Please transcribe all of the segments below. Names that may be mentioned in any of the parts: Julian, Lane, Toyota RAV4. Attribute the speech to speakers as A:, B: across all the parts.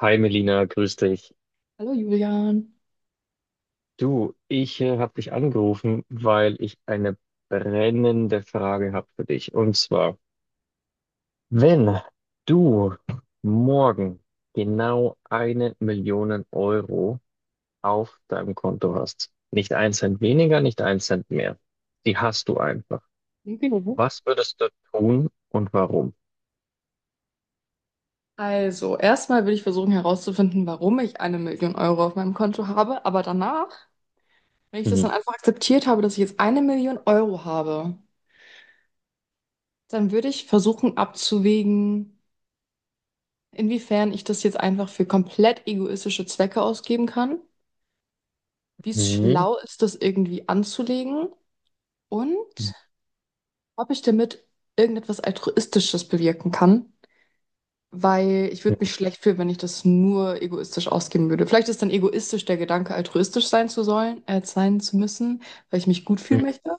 A: Hi Melina, grüß dich.
B: Hallo Julian.
A: Du, ich habe dich angerufen, weil ich eine brennende Frage habe für dich. Und zwar, wenn du morgen genau eine Million Euro auf deinem Konto hast, nicht ein Cent weniger, nicht ein Cent mehr, die hast du einfach.
B: Mhm.
A: Was würdest du tun und warum?
B: Also, erstmal will ich versuchen herauszufinden, warum ich eine Million Euro auf meinem Konto habe, aber danach, wenn ich das dann
A: Mhm.
B: einfach akzeptiert habe, dass ich jetzt eine Million Euro habe, dann würde ich versuchen abzuwägen, inwiefern ich das jetzt einfach für komplett egoistische Zwecke ausgeben kann, wie es
A: Mhm.
B: schlau ist, das irgendwie anzulegen und ob ich damit irgendetwas Altruistisches bewirken kann. Weil ich würde mich schlecht fühlen, wenn ich das nur egoistisch ausgeben würde. Vielleicht ist dann egoistisch der Gedanke, altruistisch sein zu sollen, sein zu müssen, weil ich mich gut fühlen möchte.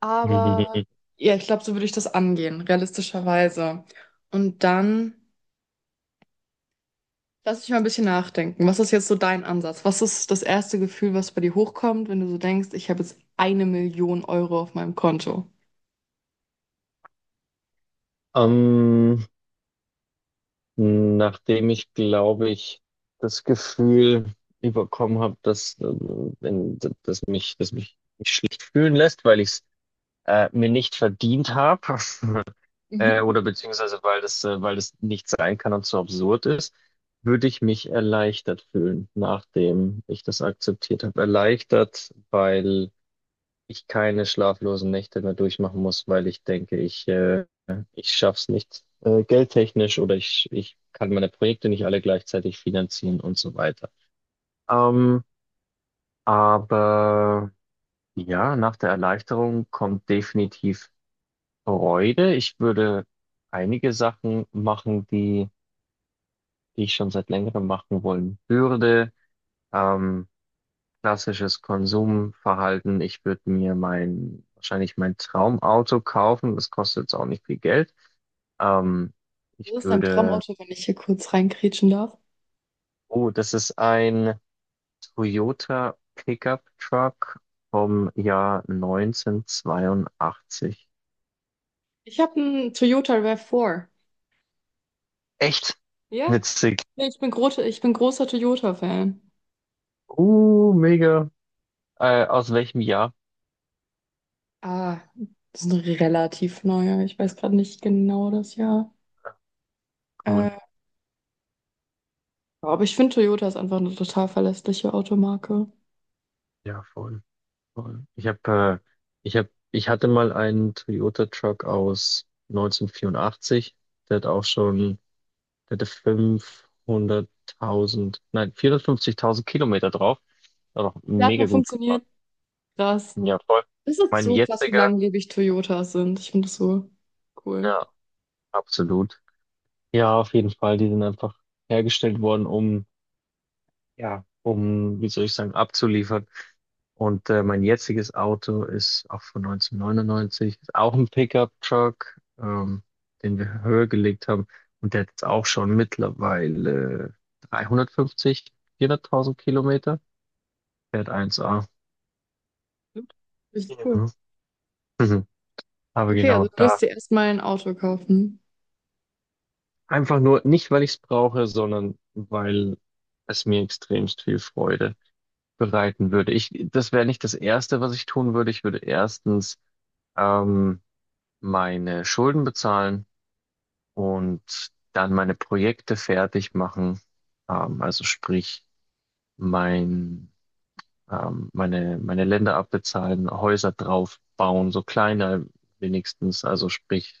B: Aber ja, ich glaube, so würde ich das angehen, realistischerweise. Und dann lass ich mal ein bisschen nachdenken. Was ist jetzt so dein Ansatz? Was ist das erste Gefühl, was bei dir hochkommt, wenn du so denkst, ich habe jetzt eine Million Euro auf meinem Konto?
A: Ähm, Nachdem ich, glaube ich, das Gefühl überkommen habe, dass mich nicht schlecht fühlen lässt, weil ich es mir nicht verdient habe,
B: Mhm.
A: oder beziehungsweise weil das nicht sein kann und so absurd ist, würde ich mich erleichtert fühlen, nachdem ich das akzeptiert habe. Erleichtert, weil ich keine schlaflosen Nächte mehr durchmachen muss, weil ich denke, ich schaff's nicht geldtechnisch, oder ich kann meine Projekte nicht alle gleichzeitig finanzieren und so weiter. Ähm, aber ja, nach der Erleichterung kommt definitiv Freude. Ich würde einige Sachen machen, die ich schon seit längerem machen wollen würde. Ähm, Klassisches Konsumverhalten. Ich würde mir wahrscheinlich mein Traumauto kaufen. Das kostet jetzt auch nicht viel Geld. Ähm, ich
B: Was ist dein
A: würde,
B: Traumauto, wenn ich hier kurz reinkrätschen darf?
A: oh, das ist ein Toyota Pickup Truck vom Jahr 1982.
B: Ich habe einen Toyota RAV4.
A: Echt
B: Ja?
A: witzig.
B: Nee, ich bin großer Toyota-Fan.
A: Mega. Aus welchem Jahr?
B: Ah, das ist ein relativ neuer. Ich weiß gerade nicht genau das Jahr.
A: Cool.
B: Äh, aber ich finde, Toyota ist einfach eine total verlässliche Automarke.
A: Ja, voll. Voll. Ich habe, ich hab, ich hatte mal einen Toyota Truck aus 1984. Der hat auch schon, der hatte 500.000, nein, 450.000 Kilometer drauf. Hat auch
B: Der hat
A: mega
B: noch
A: gut gefahren.
B: funktioniert. Krass.
A: Ja, voll.
B: Das ist
A: Mein
B: so krass, wie
A: jetziger,
B: langlebig Toyotas sind. Ich finde das so cool.
A: ja, absolut. Ja, auf jeden Fall. Die sind einfach hergestellt worden, um, ja, um, wie soll ich sagen, abzuliefern. Und mein jetziges Auto ist auch von 1999, ist auch ein Pickup-Truck, den wir höher gelegt haben. Und der hat jetzt auch schon mittlerweile 350, 400.000 Kilometer. Fährt eins a.
B: Richtig cool.
A: Mhm. Mhm. Aber
B: Okay, also
A: genau
B: du
A: da.
B: wirst dir erstmal ein Auto kaufen.
A: Einfach nur nicht, weil ich es brauche, sondern weil es mir extremst viel Freude bereiten würde. Ich, das wäre nicht das Erste, was ich tun würde. Ich würde erstens ähm, meine Schulden bezahlen und dann meine Projekte fertig machen. Also sprich, mein, meine Länder abbezahlen, Häuser draufbauen, so kleine wenigstens. Also sprich,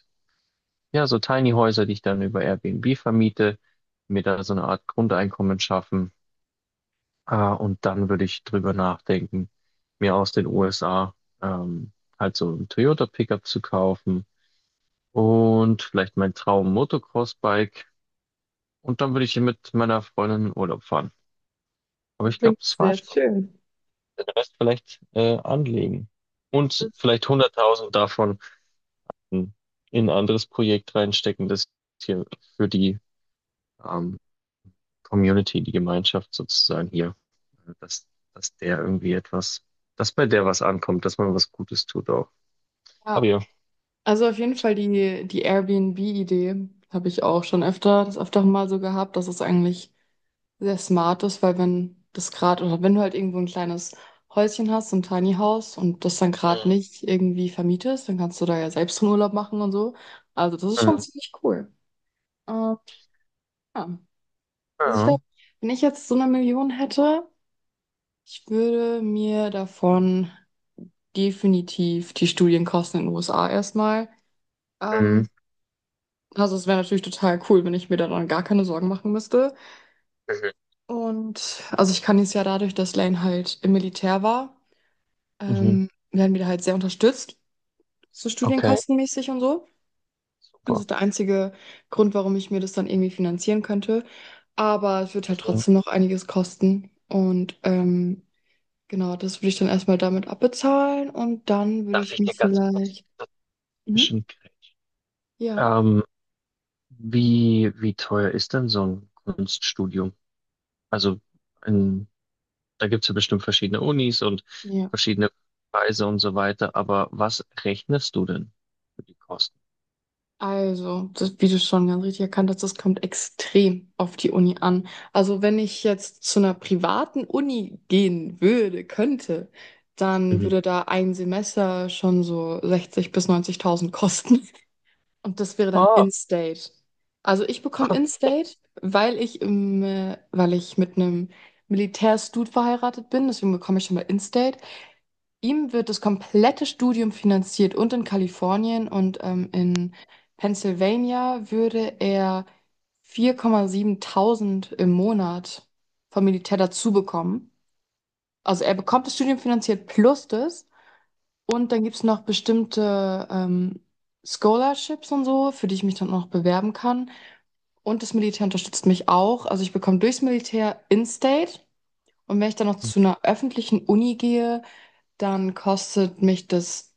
A: ja, so Tiny Häuser, die ich dann über Airbnb vermiete, mir da so eine Art Grundeinkommen schaffen. Und dann würde ich drüber nachdenken, mir aus den USA ähm, halt so ein Toyota Pickup zu kaufen. Und vielleicht mein Traum Motocross-Bike. Und dann würde ich hier mit meiner Freundin in Urlaub fahren. Aber
B: Das
A: ich glaube,
B: klingt
A: das war's
B: sehr
A: schon.
B: schön.
A: Den Rest vielleicht anlegen. Und
B: Das,
A: vielleicht 100.000 davon in in ein anderes Projekt reinstecken, das hier für die ähm, Community, die Gemeinschaft sozusagen hier, äh, dass, dass der irgendwie etwas, dass bei der was ankommt, dass man was Gutes tut auch. Aber
B: ja.
A: ja.
B: Also auf jeden Fall die Airbnb-Idee habe ich auch schon öfter, das öfter mal so gehabt, dass es eigentlich sehr smart ist, weil wenn das gerade, oder wenn du halt irgendwo ein kleines Häuschen hast, so ein Tiny House und das dann gerade
A: Mhm.
B: nicht irgendwie vermietest, dann kannst du da ja selbst einen Urlaub machen und so. Also das ist schon
A: Mhm.
B: ziemlich cool. Ähm, ja. Also ich
A: Ja.
B: glaube, wenn ich jetzt so eine Million hätte, ich würde mir davon definitiv die Studienkosten in den USA erstmal
A: Mhm.
B: ähm, Also, es wäre natürlich total cool, wenn ich mir da dann gar keine Sorgen machen müsste.
A: Mhm.
B: Und also ich kann jetzt ja dadurch, dass Lane halt im Militär war,
A: Mhm.
B: werden wir da halt sehr unterstützt, so
A: Okay,
B: studienkostenmäßig und so. Das
A: super.
B: ist der einzige Grund, warum ich mir das dann irgendwie finanzieren könnte. Aber es wird halt
A: Mhm.
B: trotzdem noch einiges kosten. Und genau, das würde ich dann erstmal damit abbezahlen und dann würde
A: Darf
B: ich
A: ich dir
B: mich
A: ganz kurz
B: vielleicht. Mhm.
A: dazwischen?
B: Ja.
A: Ähm, wie teuer ist denn so ein Kunststudium? Also in, da gibt es ja bestimmt verschiedene Unis und
B: Ja.
A: verschiedene Preise und so weiter, aber was rechnest du denn für die Kosten?
B: Also, das, wie du schon ganz richtig erkannt hast, das kommt extrem auf die Uni an. Also, wenn ich jetzt zu einer privaten Uni gehen würde, dann
A: Mhm.
B: würde da ein Semester schon so 60.000 bis 90.000 kosten. Und das wäre dann
A: Ah,
B: In-State. Also, ich bekomme
A: okay.
B: In-State, weil ich mit einem Militärstud verheiratet bin. Deswegen bekomme ich schon mal In-State. Ihm wird das komplette Studium finanziert und in Kalifornien und in Pennsylvania würde er 4,7.000 im Monat vom Militär dazu bekommen. Also er bekommt das Studium finanziert plus das und dann gibt es noch bestimmte Scholarships und so, für die ich mich dann auch noch bewerben kann. Und das Militär unterstützt mich auch. Also ich bekomme durchs Militär in-state und wenn ich dann noch zu einer öffentlichen Uni gehe, dann kostet mich das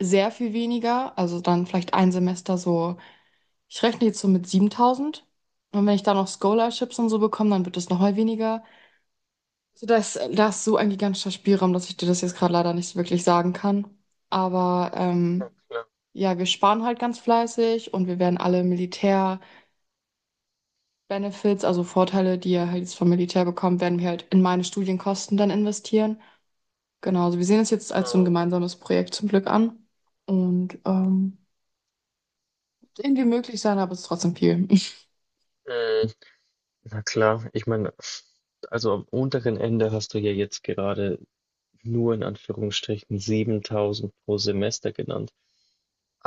B: sehr viel weniger. Also dann vielleicht ein Semester so, ich rechne jetzt so mit 7000. Und wenn ich da noch Scholarships und so bekomme, dann wird es noch mal weniger. So, da ist so ein gigantischer Spielraum, dass ich dir das jetzt gerade leider nicht wirklich sagen kann. Aber
A: Na
B: ja, wir sparen halt ganz fleißig und wir werden alle Militär-Benefits, also Vorteile, die ihr halt jetzt vom Militär bekommt, werden wir halt in meine Studienkosten dann investieren. Genau, also wir sehen es jetzt als so ein
A: klar.
B: gemeinsames Projekt zum Glück an. Und irgendwie möglich sein, aber es ist trotzdem viel.
A: Äh, äh, Na klar, ich meine, also am unteren Ende hast du ja jetzt gerade nur in Anführungsstrichen 7.000 pro Semester genannt.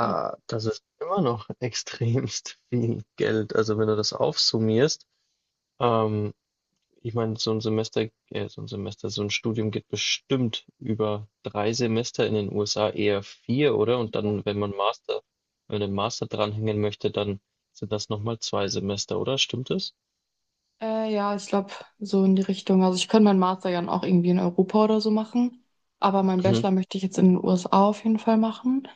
B: Ja,
A: das ist immer noch extremst viel Geld. Also wenn du das aufsummierst, Ähm, ich meine, so ein Studium geht bestimmt über drei Semester in den USA, eher vier, oder? Und dann, wenn man einen Master dranhängen möchte, dann sind das nochmal zwei Semester, oder? Stimmt es?
B: ja, ich glaube, so in die Richtung. Also ich könnte meinen Master ja auch irgendwie in Europa oder so machen. Aber meinen
A: Mhm.
B: Bachelor möchte ich jetzt in den USA auf jeden Fall machen.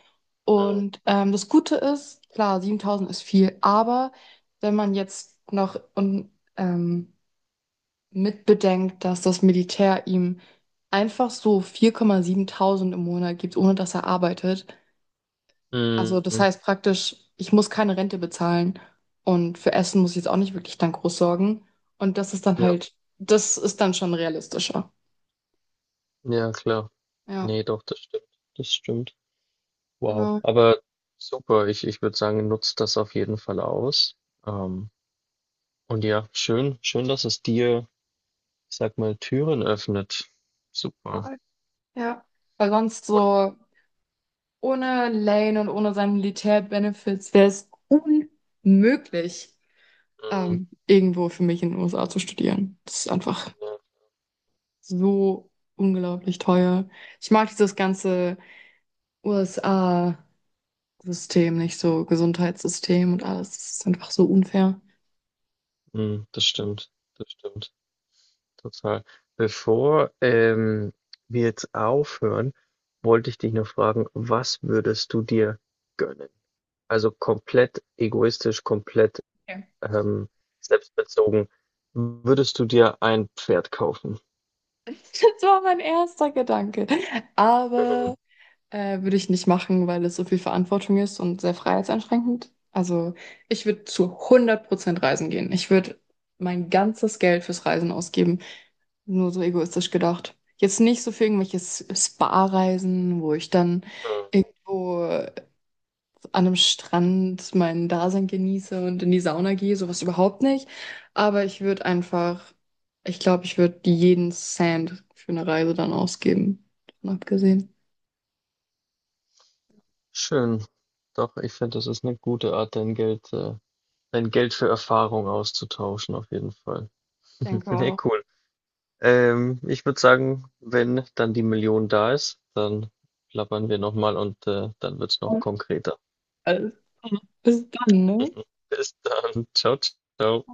A: Mhm.
B: Und das Gute ist, klar, 7.000 ist viel, aber wenn man jetzt noch ähm, mitbedenkt, dass das Militär ihm einfach so 4,7 im Monat gibt, ohne dass er arbeitet. Also das
A: Mhm.
B: heißt praktisch, ich muss keine Rente bezahlen und für Essen muss ich jetzt auch nicht wirklich dann groß sorgen. Und das ist dann
A: Ja,
B: halt, das ist dann schon realistischer.
A: ja, klar.
B: Ja,
A: Nee, doch, das stimmt. Das stimmt. Wow.
B: genau.
A: Aber super, ich würde sagen, nutzt das auf jeden Fall aus. Ähm, und ja, schön, schön, dass es dir, ich sag mal, Türen öffnet. Super.
B: Total. Ja. Weil sonst so ohne Lane und ohne seine Militär-Benefits wäre es unmöglich,
A: Mhm.
B: irgendwo für mich in den USA zu studieren. Das ist einfach
A: Ja.
B: so unglaublich teuer. Ich mag dieses ganze USA. System, nicht so Gesundheitssystem und alles. Das ist einfach so unfair.
A: Mhm. Das stimmt, total. Bevor wir jetzt aufhören, wollte ich dich noch fragen, was würdest du dir gönnen? Also komplett egoistisch, komplett
B: Okay.
A: ähm, selbstbezogen, würdest du dir ein Pferd kaufen?
B: Das war mein erster Gedanke. Aber
A: Mhm.
B: würde ich nicht machen, weil es so viel Verantwortung ist und sehr freiheitseinschränkend. Also ich würde zu 100% reisen gehen. Ich würde mein ganzes Geld fürs Reisen ausgeben. Nur so egoistisch gedacht. Jetzt nicht so für irgendwelche Spa-Reisen, wo ich dann
A: Mhm.
B: irgendwo an einem Strand mein Dasein genieße und in die Sauna gehe, sowas überhaupt nicht. Aber ich würde einfach, ich glaube, ich würde jeden Cent für eine Reise dann ausgeben. Davon abgesehen.
A: Schön. Doch, ich finde, das ist eine gute Art, dein Geld für Erfahrung auszutauschen, auf jeden Fall.
B: Denke
A: Ne,
B: auch.
A: cool. Ich würde sagen, wenn dann die Million da ist, dann plappern wir nochmal und dann wird's noch konkreter.
B: Alles klar. Bis dann, ne?
A: Bis dann. Ciao, ciao.